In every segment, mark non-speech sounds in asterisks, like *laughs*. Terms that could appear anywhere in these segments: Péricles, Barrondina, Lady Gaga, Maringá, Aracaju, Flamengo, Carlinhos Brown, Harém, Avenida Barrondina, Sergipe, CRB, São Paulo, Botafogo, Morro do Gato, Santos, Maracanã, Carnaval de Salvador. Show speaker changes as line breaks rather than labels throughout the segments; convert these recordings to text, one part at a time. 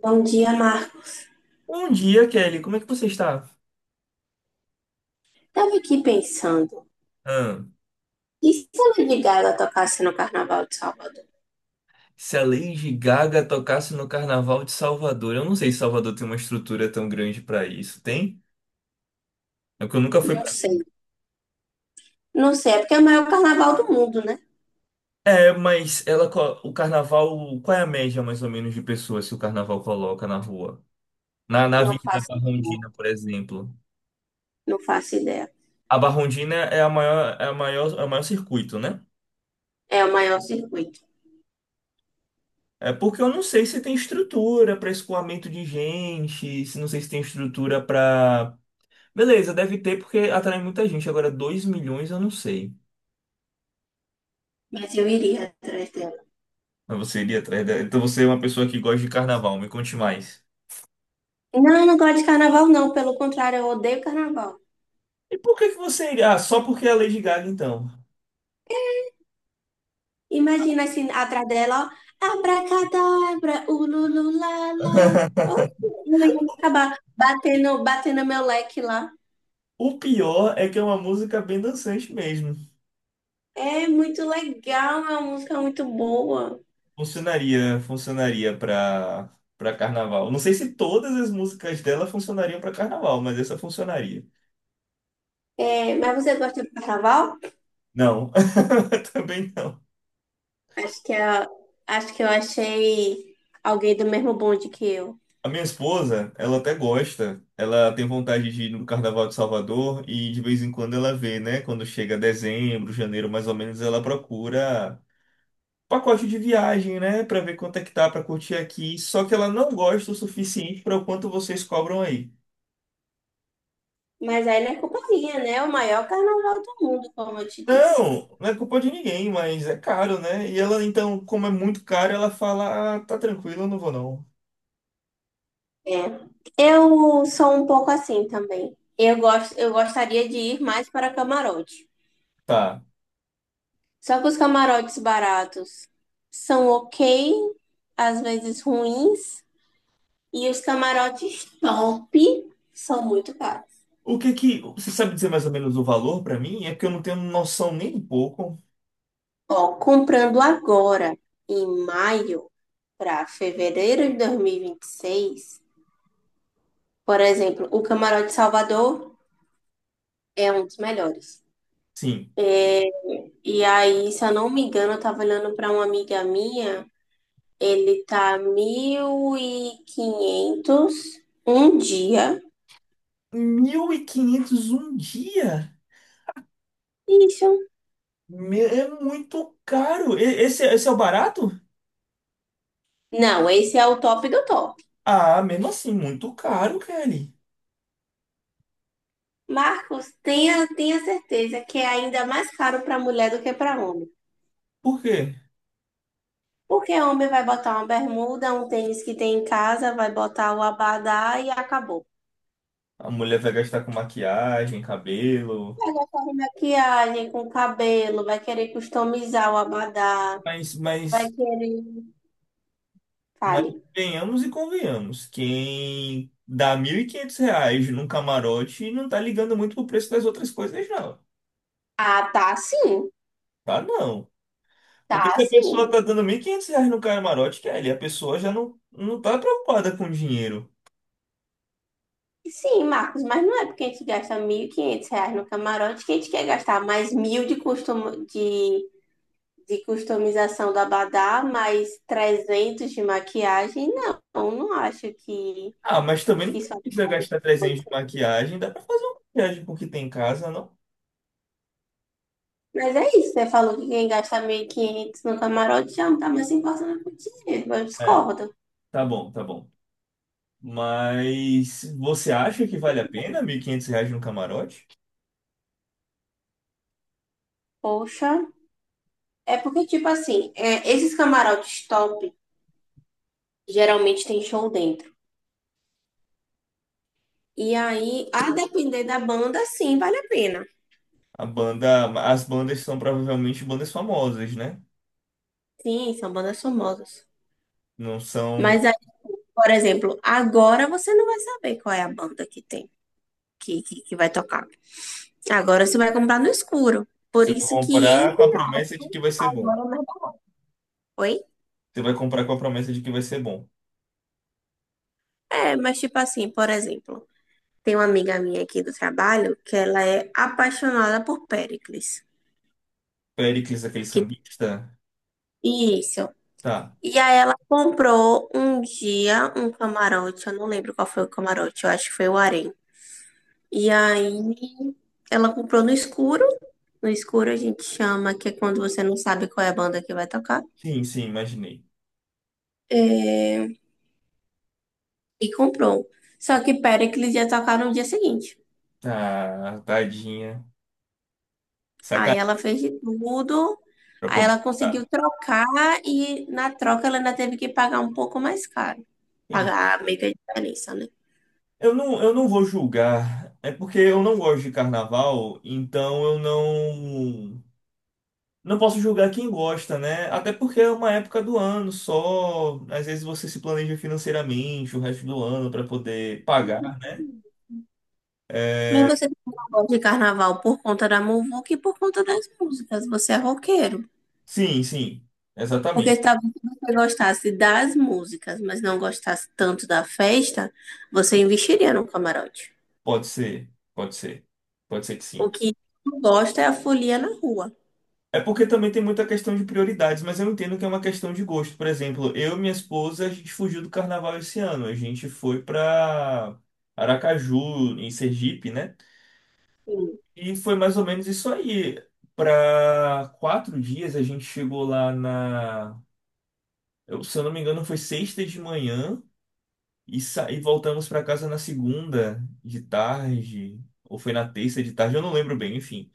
Bom dia, Marco.
Bom dia, Kelly. Como é que você está?
Estava aqui pensando,
Ah,
e se a Lady Gaga tocasse no Carnaval de Salvador?
se a Lady Gaga tocasse no Carnaval de Salvador, eu não sei se Salvador tem uma estrutura tão grande para isso. Tem? É que eu nunca fui
Não
para mim.
sei. Não sei, é porque é o maior carnaval do mundo, né?
É, mas ela, co- o Carnaval, qual é a média mais ou menos de pessoas que o Carnaval coloca na rua? Na
Não
Avenida
faço ideia.
Barrondina, por exemplo.
Não faço ideia.
A Barrondina é a maior, é a maior, é o maior circuito, né?
É o maior circuito.
É porque eu não sei se tem estrutura para escoamento de gente, se não sei se tem estrutura para beleza, deve ter porque atrai muita gente. Agora, 2 milhões eu não sei.
Mas eu iria atrás dela.
Mas você iria atrás dela. Então você é uma pessoa que gosta de carnaval, me conte mais.
Não, eu não gosto de carnaval, não. Pelo contrário, eu odeio carnaval.
E por que que você iria? Ah, só porque é a Lady Gaga, então.
Imagina assim, atrás dela, ó. Abracadabra, ulululala.
*laughs*
Oxe, eu ia acabar batendo, batendo meu leque lá.
O pior é que é uma música bem dançante mesmo.
É muito legal, é uma música muito boa.
Funcionaria, funcionaria pra carnaval. Não sei se todas as músicas dela funcionariam pra carnaval, mas essa funcionaria.
É, mas você gosta do carnaval?
Não, *laughs* também não.
Acho que, a- acho que eu achei alguém do mesmo bonde que eu.
A minha esposa, ela até gosta. Ela tem vontade de ir no Carnaval de Salvador e de vez em quando ela vê, né? Quando chega dezembro, janeiro, mais ou menos, ela procura pacote de viagem, né? Pra ver quanto é que tá pra curtir aqui. Só que ela não gosta o suficiente para o quanto vocês cobram aí.
Mas aí não é culpa minha, né? É o maior carnaval do mundo, como eu te disse.
Não, não é culpa de ninguém, mas é caro, né? E ela, então, como é muito caro, ela fala: ah, tá tranquilo, eu não vou não.
É. Eu sou um pouco assim também. Eu gosto, eu gostaria de ir mais para camarote.
Tá.
Só que os camarotes baratos são ok, às vezes ruins, e os camarotes top são muito caros.
O que que. Você sabe dizer mais ou menos o valor pra mim? É porque eu não tenho noção nem um pouco.
Ó, comprando agora, em maio para fevereiro de dois mil e vinte e seis, por exemplo, o Camarote Salvador é um dos melhores.
Sim.
E aí, se eu não me engano, eu tava olhando para uma amiga minha, ele tá 1500 um dia.
1.500 um dia?
Isso.
É muito caro. Esse é o barato?
Não, esse é o top do top.
Ah, mesmo assim, muito caro, Kelly.
Marcos, tenha certeza que é ainda mais caro para mulher do que para homem.
Por quê?
Porque homem vai botar uma bermuda, um tênis que tem em casa, vai botar o abadá e acabou.
A mulher vai gastar com maquiagem, cabelo.
Com maquiagem, com cabelo, vai querer customizar o abadá,
Mas,
vai
mas,
querer.
mas
Fale.
venhamos e convenhamos. Quem dá 1.500 reais num camarote não tá ligando muito pro preço das outras coisas, não.
Ah, tá sim,
Tá, não. Porque
tá
se a pessoa
sim.
tá dando 1.500 reais no camarote, Kelly, a pessoa já não tá preocupada com dinheiro.
Sim, Marcos, mas não é porque a gente gasta 1500 reais no camarote que a gente quer gastar mais 1000 de custom... de customização do abadá, mais 300 de maquilhagem. Não, eu não acho que
Ah, mas também
que
não
isso é
precisa gastar 300 de
muito.
maquiagem. Dá pra fazer uma maquiagem com o que tem em casa, não?
Mas é isso, você falou que quem gasta 1500 no camarote já não tá mais se importando com o dinheiro. Eu
É,
discordo.
tá bom, tá bom. Mas você acha que vale a pena 1.500 reais no camarote?
Poxa. É porque, tipo assim, é, esses camarotes top geralmente tem show dentro. E aí, a depender da banda, sim, vale a pena.
A banda, as bandas são provavelmente bandas famosas, né?
Sim, são bandas famosas.
Não são.
Mas aí, por exemplo, agora você não vai saber qual é a banda que tem, que vai tocar. Agora você vai comprar no escuro. Por
Você vai
isso que em...
comprar com a promessa de que vai ser bom.
Agora, né? Oi?
Você vai comprar com a promessa de que vai ser bom.
É, mas tipo assim, por exemplo, tem uma amiga minha aqui do trabalho que ela é apaixonada por Péricles.
Péricles, aquele
Que...
sambista?
isso.
Tá.
E aí ela comprou um dia um camarote, eu não lembro qual foi o camarote, eu acho que foi o Harém. E aí ela comprou no escuro. No escuro a gente chama, que é quando você não sabe qual é a banda que vai tocar.
Sim, sim, imaginei.
É, e comprou. Só que Péricles ia tocar no dia seguinte.
Tá, tadinha.
Aí
Sacanagem
ela fez de tudo.
pra
Aí
poder
ela conseguiu
comprar.
trocar e na troca ela ainda teve que pagar um pouco mais caro. Pagar meio que a diferença, né?
Eu não vou julgar. É porque eu não gosto de carnaval, então eu não não posso julgar quem gosta, né? Até porque é uma época do ano só. Às vezes você se planeja financeiramente o resto do ano para poder pagar.
Mas você não gosta de carnaval por conta da muvuca e por conta das músicas. Você é roqueiro.
Sim, sim,
Porque
exatamente.
talvez se você gostasse das músicas, mas não gostasse tanto da festa, você investiria no camarote.
Pode ser, pode ser, pode ser que sim.
O que não gosta é a folia na rua.
É porque também tem muita questão de prioridades, mas eu entendo que é uma questão de gosto. Por exemplo, eu e minha esposa, a gente fugiu do carnaval esse ano. A gente foi para Aracaju, em Sergipe, né?
Sim.
E foi mais ou menos isso aí. Para 4 dias a gente chegou lá na. Se eu não me engano, foi sexta de manhã e, e voltamos para casa na segunda de tarde, ou foi na terça de tarde, eu não lembro bem, enfim.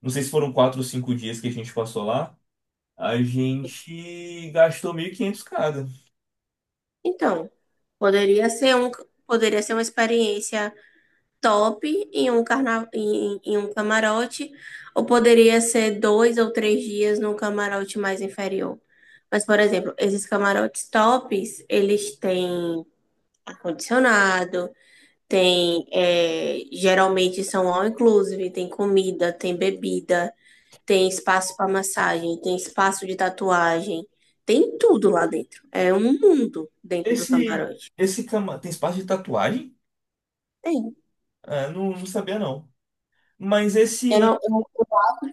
Não sei se foram 4 ou 5 dias que a gente passou lá. A gente gastou 1.500 cada.
Então, poderia ser um, poderia ser uma experiência top em um carna... em, em um camarote, ou poderia ser dois ou três dias num camarote mais inferior. Mas, por exemplo, esses camarotes tops, eles têm ar-condicionado, tem, é, geralmente são all inclusive, tem comida, tem bebida, tem espaço para massagem, tem espaço de tatuagem, tem tudo lá dentro. É um mundo dentro do
Esse,
camarote.
esse cama tem espaço de tatuagem?
Tem.
Ah, não, não sabia não. Mas
Eu
esse.
não,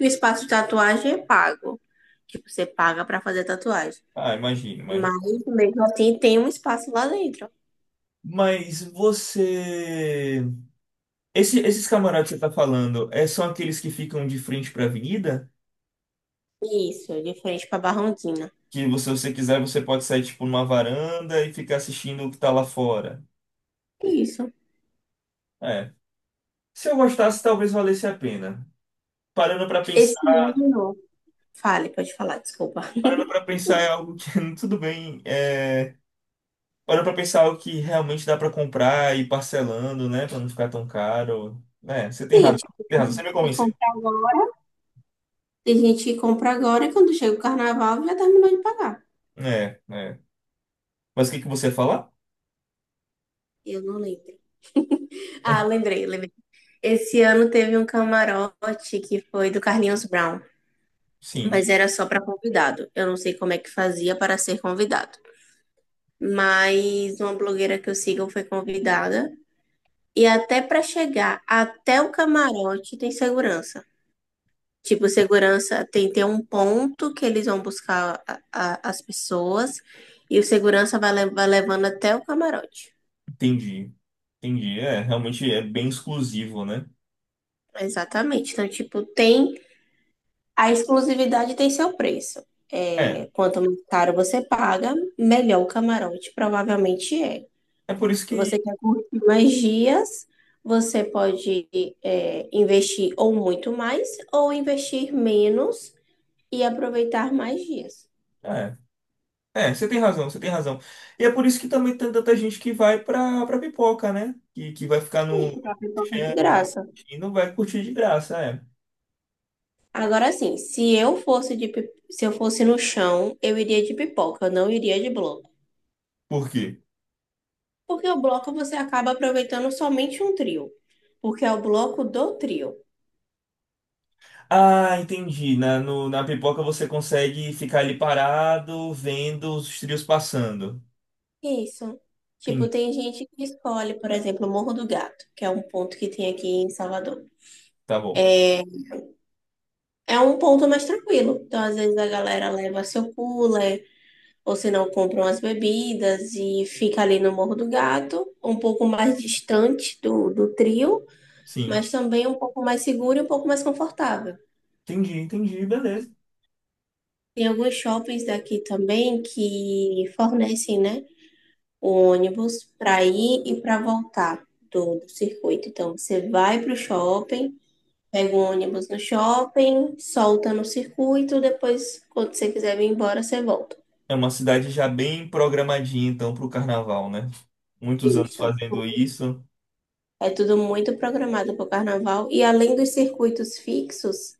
O espaço de tatuagem é pago. Tipo, você paga pra fazer tatuagem.
Ah, imagina, imagina.
Mas mesmo assim tem um espaço lá dentro.
Mas você. Esses camarotes que você tá falando, é, são aqueles que ficam de frente pra avenida?
Isso, de frente pra Barrondina.
Que se você quiser, você pode sair, tipo, numa varanda e ficar assistindo o que tá lá fora.
Isso.
É. Se eu gostasse, talvez valesse a pena. Parando pra
Esse
pensar,
ano. Fale, pode falar, desculpa.
parando para
*laughs*
pensar é algo que, *laughs* tudo bem, é, parando pra pensar é algo que realmente dá pra comprar e ir parcelando, né, pra não ficar tão caro. É, você
Sim, tipo,
tem
tem
razão, você
gente
me
que
convenceu.
compra agora. Tem gente que compra agora e quando chega o carnaval já terminou de pagar.
É, é. Mas o que que você fala.
Eu não lembro. Ah, lembrei, lembrei. Esse ano teve um camarote que foi do Carlinhos Brown,
Sim,
mas era só pra convidado. Eu não sei como é que fazia para ser convidado. Mas uma blogueira que eu sigo foi convidada. E até para chegar até o camarote tem segurança. Tipo, segurança tem, tem um ponto que eles vão buscar as pessoas e o segurança vai, vai levando até o camarote.
entendi. Entendi, é, realmente é bem exclusivo, né?
Exatamente. Então, tipo, tem a exclusividade, tem seu preço.
É.
É, quanto mais caro você paga, melhor o camarote provavelmente é.
É por isso
Você
que.
quer curtir mais dias, você pode, é, investir ou muito mais, ou investir menos e aproveitar mais dias.
É, é, você tem razão, você tem razão. E é por isso que também tem tanta gente que vai pra, pra pipoca, né? Que vai ficar
Sim,
no
porque a pipoca é de
chão lá
graça.
e não vai curtir de graça, é.
Agora sim, se eu fosse de, se eu fosse no chão, eu iria de pipoca, eu não iria de bloco.
Por quê?
Porque o bloco você acaba aproveitando somente um trio, porque é o bloco do trio.
Ah, entendi. Na, na pipoca você consegue ficar ali parado, vendo os trios passando.
Isso. Tipo,
Entendi,
tem gente que escolhe, por exemplo, o Morro do Gato, que é um ponto que tem aqui em Salvador.
tá bom.
É, é um ponto mais tranquilo. Então, às vezes a galera leva seu cooler, ou se não, compra umas bebidas e fica ali no Morro do Gato, um pouco mais distante do, do trio,
Sim.
mas também um pouco mais seguro e um pouco mais confortável.
Entendi, entendi, beleza.
Tem alguns shoppings daqui também que fornecem, né, o ônibus para ir e para voltar do, do circuito. Então, você vai para o shopping. Pega um ônibus no shopping, solta no circuito, depois, quando você quiser vir embora, você volta.
É uma cidade já bem programadinha, então, pro carnaval, né? Muitos anos
Isso.
fazendo isso.
É tudo muito programado para o carnaval. E além dos circuitos fixos,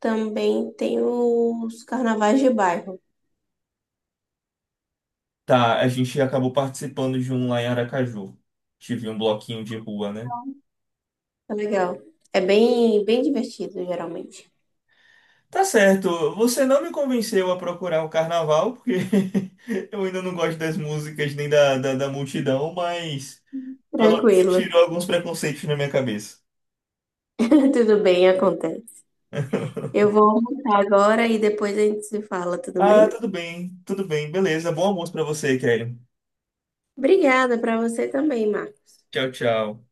também tem os carnavais de bairro.
Tá, a gente acabou participando de um lá em Aracaju. Tive um bloquinho de rua, né?
É legal. É bem, bem divertido, geralmente.
Tá certo, você não me convenceu a procurar o carnaval, porque *laughs* eu ainda não gosto das músicas nem da multidão, mas pelo menos você
Tranquilo.
tirou alguns preconceitos na minha cabeça.
*laughs* Tudo bem, acontece. Eu vou almoçar agora e depois a gente se fala, tudo
Ah,
bem?
tudo bem, beleza. Bom almoço pra você, Kelly.
Obrigada para você também, Marcos.
Tchau, tchau.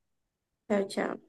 Tchau, tchau.